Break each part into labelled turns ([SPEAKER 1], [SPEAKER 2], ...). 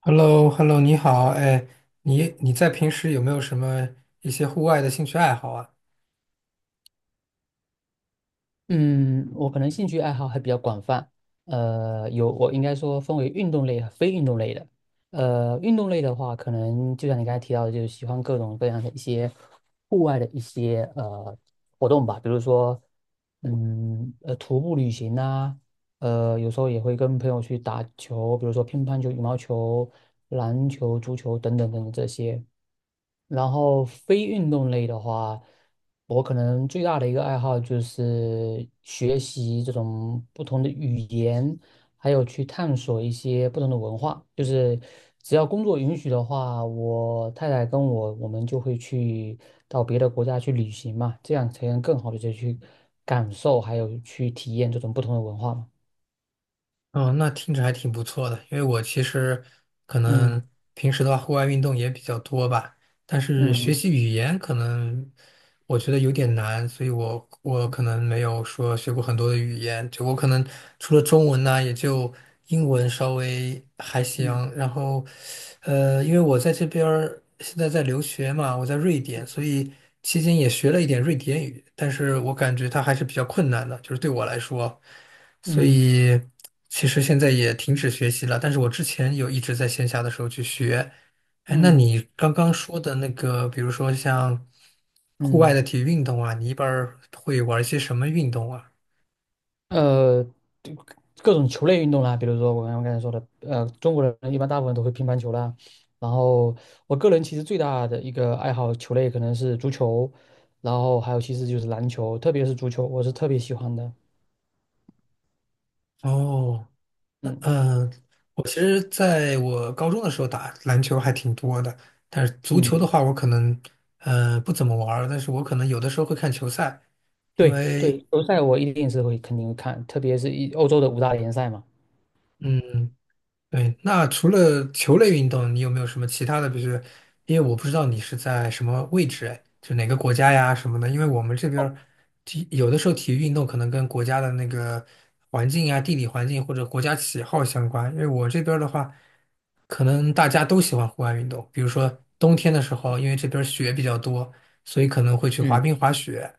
[SPEAKER 1] h e l l o hello 你好，哎，你在平时有没有什么一些户外的兴趣爱好啊？
[SPEAKER 2] 嗯，我可能兴趣爱好还比较广泛，我应该说分为运动类和非运动类的。运动类的话，可能就像你刚才提到的，就是喜欢各种各样的一些户外的一些活动吧。比如说，徒步旅行呐。有时候也会跟朋友去打球，比如说乒乓球、羽毛球、篮球、足球等等等等这些。然后非运动类的话，我可能最大的一个爱好就是学习这种不同的语言，还有去探索一些不同的文化。就是只要工作允许的话，我太太跟我，我们就会去到别的国家去旅行嘛，这样才能更好的去感受还有去体验这种不同的文化嘛。
[SPEAKER 1] 哦，那听着还挺不错的，因为我其实可
[SPEAKER 2] 嗯
[SPEAKER 1] 能平时的话，户外运动也比较多吧，但是学
[SPEAKER 2] 嗯
[SPEAKER 1] 习语言可能我觉得有点难，所以我可能没有说学过很多的语言，就我可能除了中文呢，也就英文稍微还
[SPEAKER 2] 嗯
[SPEAKER 1] 行。然后，因为我在这边儿现在在留学嘛，我在瑞典，所以期间也学了一点瑞典语，但是我感觉它还是比较困难的，就是对我来说，所
[SPEAKER 2] 嗯
[SPEAKER 1] 以其实现在也停止学习了，但是我之前有一直在线下的时候去学。哎，那
[SPEAKER 2] 嗯
[SPEAKER 1] 你刚刚说的那个，比如说像户外
[SPEAKER 2] 嗯。
[SPEAKER 1] 的体育运动啊，你一般儿会玩一些什么运动啊？
[SPEAKER 2] 呃，就各种球类运动啦，比如说我刚才说的。中国人一般大部分都会乒乓球啦。然后我个人其实最大的一个爱好球类可能是足球，然后还有其实就是篮球，特别是足球，我是特别喜欢的。
[SPEAKER 1] 哦，
[SPEAKER 2] 嗯
[SPEAKER 1] 嗯，我其实在我高中的时候打篮球还挺多的，但是足球的
[SPEAKER 2] 嗯，
[SPEAKER 1] 话，我可能不怎么玩儿但是我可能有的时候会看球赛，因
[SPEAKER 2] 对对，
[SPEAKER 1] 为
[SPEAKER 2] 球赛我一定是会肯定会看，特别是欧洲的五大联赛嘛。
[SPEAKER 1] 嗯嗯，对，那除了球类运动，你有没有什么其他的？比如说，因为我不知道你是在什么位置，哎，就哪个国家呀什么的。因为我们这边
[SPEAKER 2] 哦，
[SPEAKER 1] 儿有的时候体育运动可能跟国家的那个环境啊、地理环境或者国家喜好相关。因为我这边儿的话，可能大家都喜欢户外运动，比如说冬天的时候，因为这边儿雪比较多，所以可能会去滑
[SPEAKER 2] 嗯
[SPEAKER 1] 冰、滑雪。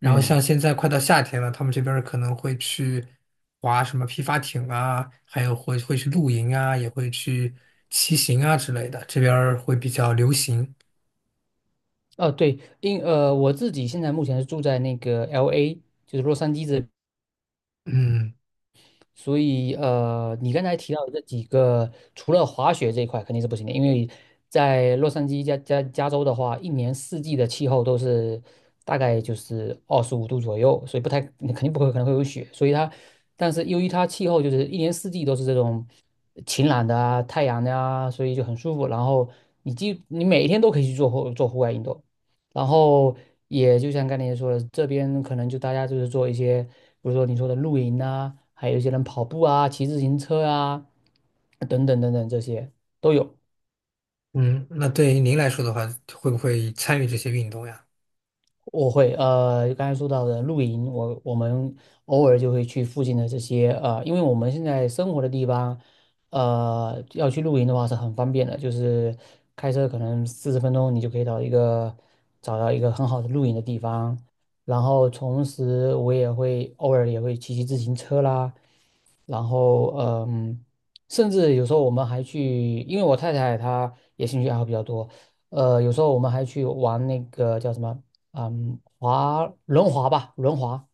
[SPEAKER 1] 然后像
[SPEAKER 2] 嗯。
[SPEAKER 1] 现在快到夏天了，他们这边儿可能会去划什么皮划艇啊，还有会去露营啊，也会去骑行啊之类的，这边儿会比较流行。
[SPEAKER 2] 哦，对，我自己现在目前是住在那个 LA，就是洛杉矶这。
[SPEAKER 1] 嗯
[SPEAKER 2] 所以你刚才提到的这几个，除了滑雪这一块肯定是不行的，因为在洛杉矶加州的话，一年四季的气候都是大概就是25度左右，所以不太肯定不会可能会有雪，所以它，但是由于它气候就是一年四季都是这种晴朗的啊、太阳的啊，所以就很舒服。然后你每一天都可以去做户外运动。然后也就像刚才说的，这边可能就大家就是做一些，比如说你说的露营啊，还有一些人跑步啊、骑自行车啊，等等等等这些都有。
[SPEAKER 1] 嗯，那对于您来说的话，会不会参与这些运动呀？
[SPEAKER 2] 我会，刚才说到的露营，我们偶尔就会去附近的这些，因为我们现在生活的地方，要去露营的话是很方便的，就是开车可能40分钟你就可以到一个找到一个很好的露营的地方。然后同时我偶尔也会骑自行车啦。然后甚至有时候我们还去，因为我太太她也兴趣爱好比较多。有时候我们还去玩那个叫什么，滑轮滑吧，轮滑，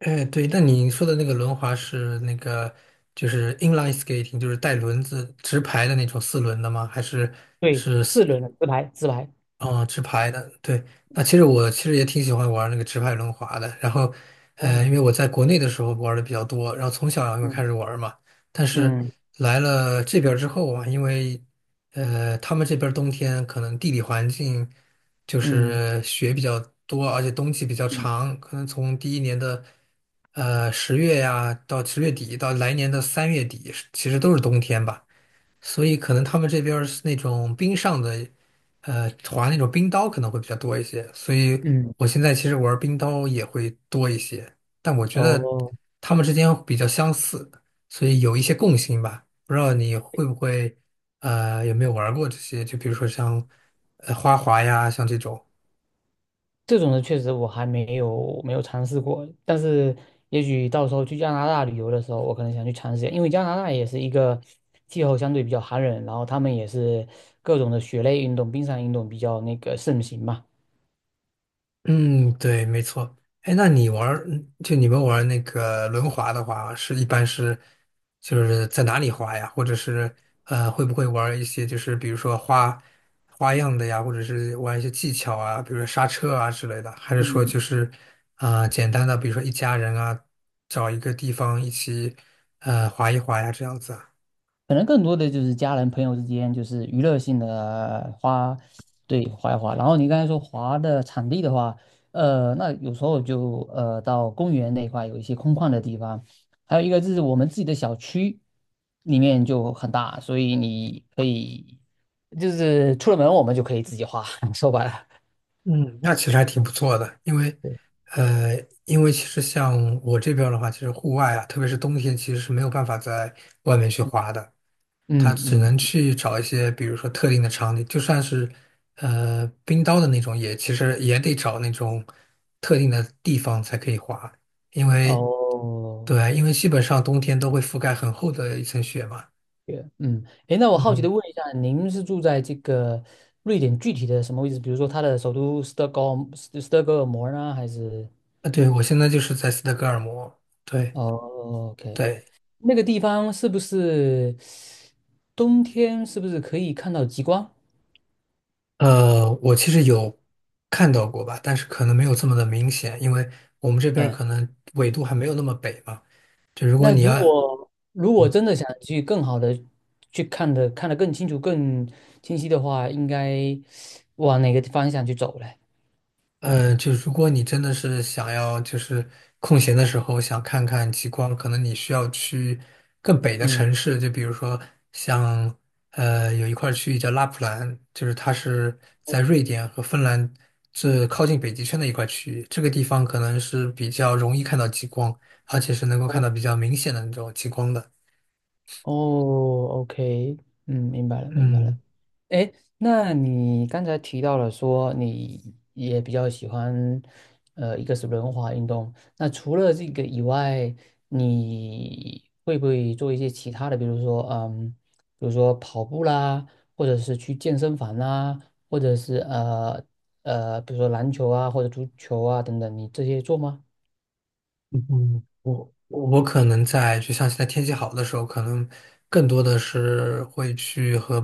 [SPEAKER 1] 哎，对，那你说的那个轮滑是那个就是 inline skating,就是带轮子直排的那种四轮的吗？还是
[SPEAKER 2] 对，
[SPEAKER 1] 是？
[SPEAKER 2] 四轮的直排直排。
[SPEAKER 1] 哦，直排的，对，那其实我也挺喜欢玩那个直排轮滑的。然后，呃，因
[SPEAKER 2] 哦，
[SPEAKER 1] 为我在国内的时候玩的比较多，然后从小就开
[SPEAKER 2] 嗯
[SPEAKER 1] 始玩嘛。但是
[SPEAKER 2] 嗯
[SPEAKER 1] 来了这边儿之后啊，因为他们这边儿冬天可能地理环境就
[SPEAKER 2] 嗯
[SPEAKER 1] 是雪比较多，而且冬季比较
[SPEAKER 2] 嗯
[SPEAKER 1] 长，可能从第一年的十月呀到10月底到来年的3月底，其实都是冬天吧。所以可能他们这边儿是那种冰上的，呃，滑那种冰刀可能会比较多一些。所以
[SPEAKER 2] 嗯，
[SPEAKER 1] 我现在其实玩冰刀也会多一些，但我觉得
[SPEAKER 2] 哦，
[SPEAKER 1] 他们之间比较相似，所以有一些共性吧。不知道你会不会，呃，有没有玩过这些？就比如说像，呃，花滑呀，像这种。
[SPEAKER 2] 这种的确实我还没有尝试过，但是也许到时候去加拿大旅游的时候，我可能想去尝试一下，因为加拿大也是一个气候相对比较寒冷，然后他们也是各种的雪类运动、冰上运动比较那个盛行嘛。
[SPEAKER 1] 嗯，对，没错。哎，那你玩儿嗯就你们玩儿那个轮滑的话，是一般是就是在哪里滑呀？或者是呃，会不会玩儿一些就是比如说花样的呀，或者是玩一些技巧啊，比如说刹车啊之类的？还是说就
[SPEAKER 2] 嗯。
[SPEAKER 1] 是啊、呃简单的，比如说一家人啊，找一个地方一起呃滑一滑呀，这样子啊？
[SPEAKER 2] 可能更多的就是家人朋友之间，就是娱乐性的，对，滑一滑。然后你刚才说滑的场地的话，那有时候就到公园那一块有一些空旷的地方，还有一个就是我们自己的小区里面就很大，所以你可以就是出了门我们就可以自己滑，说白了，
[SPEAKER 1] 嗯，那其实还挺不错的，因为，
[SPEAKER 2] 对。
[SPEAKER 1] 呃，因为其实像我这边儿的话，其实户外啊，特别是冬天，其实是没有办法在外面去滑的，它
[SPEAKER 2] 嗯
[SPEAKER 1] 只
[SPEAKER 2] 嗯，
[SPEAKER 1] 能
[SPEAKER 2] 嗯。
[SPEAKER 1] 去找一些，比如说特定的场地，就算是，呃，冰刀的那种也，其实也得找那种特定的地方才可以滑，因为，
[SPEAKER 2] 哦。
[SPEAKER 1] 对，因为基本上冬天都会覆盖很厚的一层雪嘛。
[SPEAKER 2] 对，嗯，诶，那我好奇的
[SPEAKER 1] 嗯，
[SPEAKER 2] 问一下，您是住在这个瑞典具体的什么位置？比如说它的首都斯德哥尔摩呢，还是？
[SPEAKER 1] 啊，对，我现在就是在斯德哥尔摩，对
[SPEAKER 2] 哦，OK，
[SPEAKER 1] 对，
[SPEAKER 2] 那个地方冬天是不是可以看到极光？
[SPEAKER 1] 呃，我其实有看到过吧，但是可能没有这么的明显，因为我们这边儿
[SPEAKER 2] 哎，
[SPEAKER 1] 可能纬度还没有那么北嘛。就如果
[SPEAKER 2] 那
[SPEAKER 1] 你
[SPEAKER 2] 如
[SPEAKER 1] 要，
[SPEAKER 2] 果如果
[SPEAKER 1] 嗯，
[SPEAKER 2] 真的想去更好的去看得更清楚、更清晰的话，应该往哪个方向去走嘞？
[SPEAKER 1] 嗯，就如果你真的是想要，就是空闲的时候想看看极光，可能你需要去更北的
[SPEAKER 2] 嗯，
[SPEAKER 1] 城市，就比如说像有一块区域叫拉普兰，就是它是在瑞典和芬兰这靠近北极圈的一块区域，这个地方可能是比较容易看到极光，而且是能够看到比
[SPEAKER 2] 哦
[SPEAKER 1] 较明显的那种极光的。
[SPEAKER 2] 哦，OK，嗯，明白了，明白了。
[SPEAKER 1] 嗯。
[SPEAKER 2] 哎，那你刚才提到了说你也比较喜欢，一个是轮滑运动。那除了这个以外，你会不会做一些其他的，比如说，比如说跑步啦，或者是去健身房啦，或者是比如说篮球啊或者足球啊等等，你这些做吗？
[SPEAKER 1] 嗯，我可能在就像现在天气好的时候，可能更多的是会去和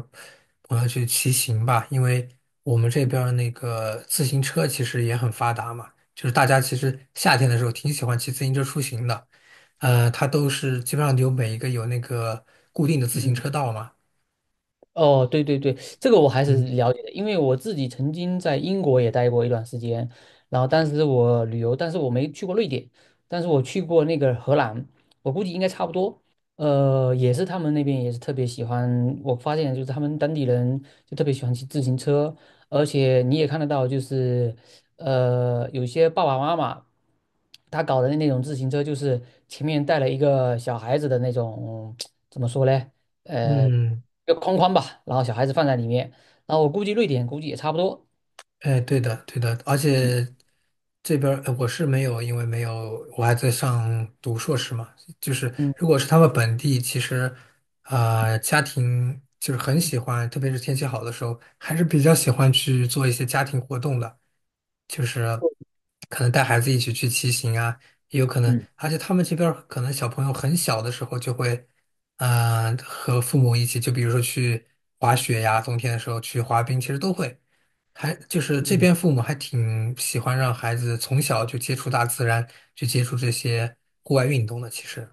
[SPEAKER 1] 朋友去骑行吧，因为我们这边儿那个自行车其实也很发达嘛，就是大家其实夏天的时候挺喜欢骑自行车出行的，它都是基本上有每一个有那个固定的自行
[SPEAKER 2] 嗯。
[SPEAKER 1] 车道嘛，
[SPEAKER 2] 哦，对对对，这个我还是
[SPEAKER 1] 嗯
[SPEAKER 2] 了解的，因为我自己曾经在英国也待过一段时间，然后当时我旅游，但是我没去过瑞典，但是我去过那个荷兰，我估计应该差不多。也是他们那边也是特别喜欢，我发现就是他们当地人就特别喜欢骑自行车，而且你也看得到，就是有些爸爸妈妈他搞的那种自行车，就是前面带了一个小孩子的那种，怎么说嘞？呃。
[SPEAKER 1] 嗯，
[SPEAKER 2] 一个框框吧，然后小孩子放在里面，然后我估计瑞典估计也差不多。
[SPEAKER 1] 哎，对的，对的，而
[SPEAKER 2] 嗯
[SPEAKER 1] 且这边儿我是没有，因为没有，我还在上读硕士嘛。就是
[SPEAKER 2] 嗯
[SPEAKER 1] 如果是他们本地，其实家庭就是很喜欢，特别是天气好的时候，还是比较喜欢去做一些家庭活动的。就是可能带孩子一起去骑行啊，也有可能，
[SPEAKER 2] 嗯
[SPEAKER 1] 而且他们这边儿可能小朋友很小的时候就会，嗯、和父母一起，就比如说去滑雪呀，冬天的时候去滑冰，其实都会，还就是这
[SPEAKER 2] 嗯，
[SPEAKER 1] 边父母还挺喜欢让孩子从小就接触大自然，去接触这些户外运动的，其实，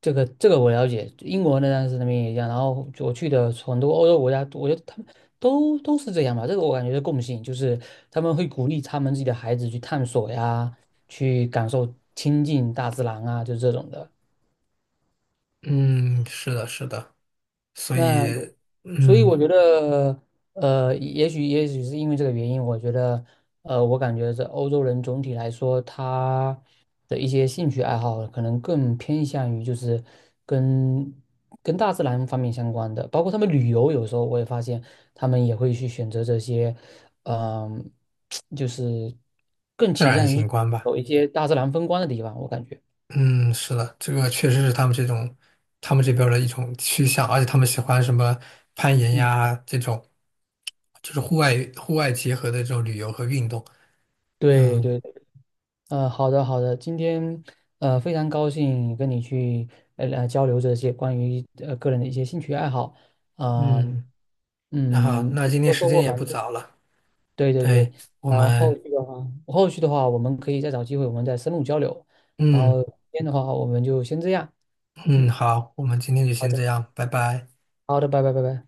[SPEAKER 2] 这个我了解，英国那当时那边也一样，然后我去的很多欧洲国家，我觉得他们都是这样吧，这个我感觉是共性，就是他们会鼓励他们自己的孩子去探索呀，去感受亲近大自然啊，就是这种的。
[SPEAKER 1] 嗯，是的，是的，所
[SPEAKER 2] 那
[SPEAKER 1] 以，
[SPEAKER 2] 所以我
[SPEAKER 1] 嗯，
[SPEAKER 2] 觉得，也许是因为这个原因，我觉得，我感觉这欧洲人总体来说，他的一些兴趣爱好可能更偏向于就是跟跟大自然方面相关的，包括他们旅游，有时候我也发现他们也会去选择这些，嗯、就是更
[SPEAKER 1] 自
[SPEAKER 2] 倾
[SPEAKER 1] 然
[SPEAKER 2] 向于
[SPEAKER 1] 景观吧。
[SPEAKER 2] 走一些大自然风光的地方，我感觉，
[SPEAKER 1] 嗯，是的，这个确实是他们这种，他们这边儿的一种趋向，而且他们喜欢什么攀岩
[SPEAKER 2] 嗯，
[SPEAKER 1] 呀这种，就是户外结合的这种旅游和运动。
[SPEAKER 2] 对
[SPEAKER 1] 嗯
[SPEAKER 2] 对。好的，好的，今天非常高兴跟你去交流这些关于个人的一些兴趣爱好啊。
[SPEAKER 1] 嗯，然后
[SPEAKER 2] 嗯，
[SPEAKER 1] 那今天
[SPEAKER 2] 我
[SPEAKER 1] 时
[SPEAKER 2] 收
[SPEAKER 1] 间
[SPEAKER 2] 获
[SPEAKER 1] 也不
[SPEAKER 2] 蛮多，
[SPEAKER 1] 早了，
[SPEAKER 2] 对对对，
[SPEAKER 1] 对，我
[SPEAKER 2] 然后后
[SPEAKER 1] 们
[SPEAKER 2] 续的话，后续的话我们可以再找机会我们再深入交流，然
[SPEAKER 1] 嗯
[SPEAKER 2] 后今天的话我们就先这样，
[SPEAKER 1] 嗯
[SPEAKER 2] 嗯，
[SPEAKER 1] 好，我们今天就
[SPEAKER 2] 好
[SPEAKER 1] 先这
[SPEAKER 2] 的，
[SPEAKER 1] 样，拜拜。
[SPEAKER 2] 好的，拜拜拜拜。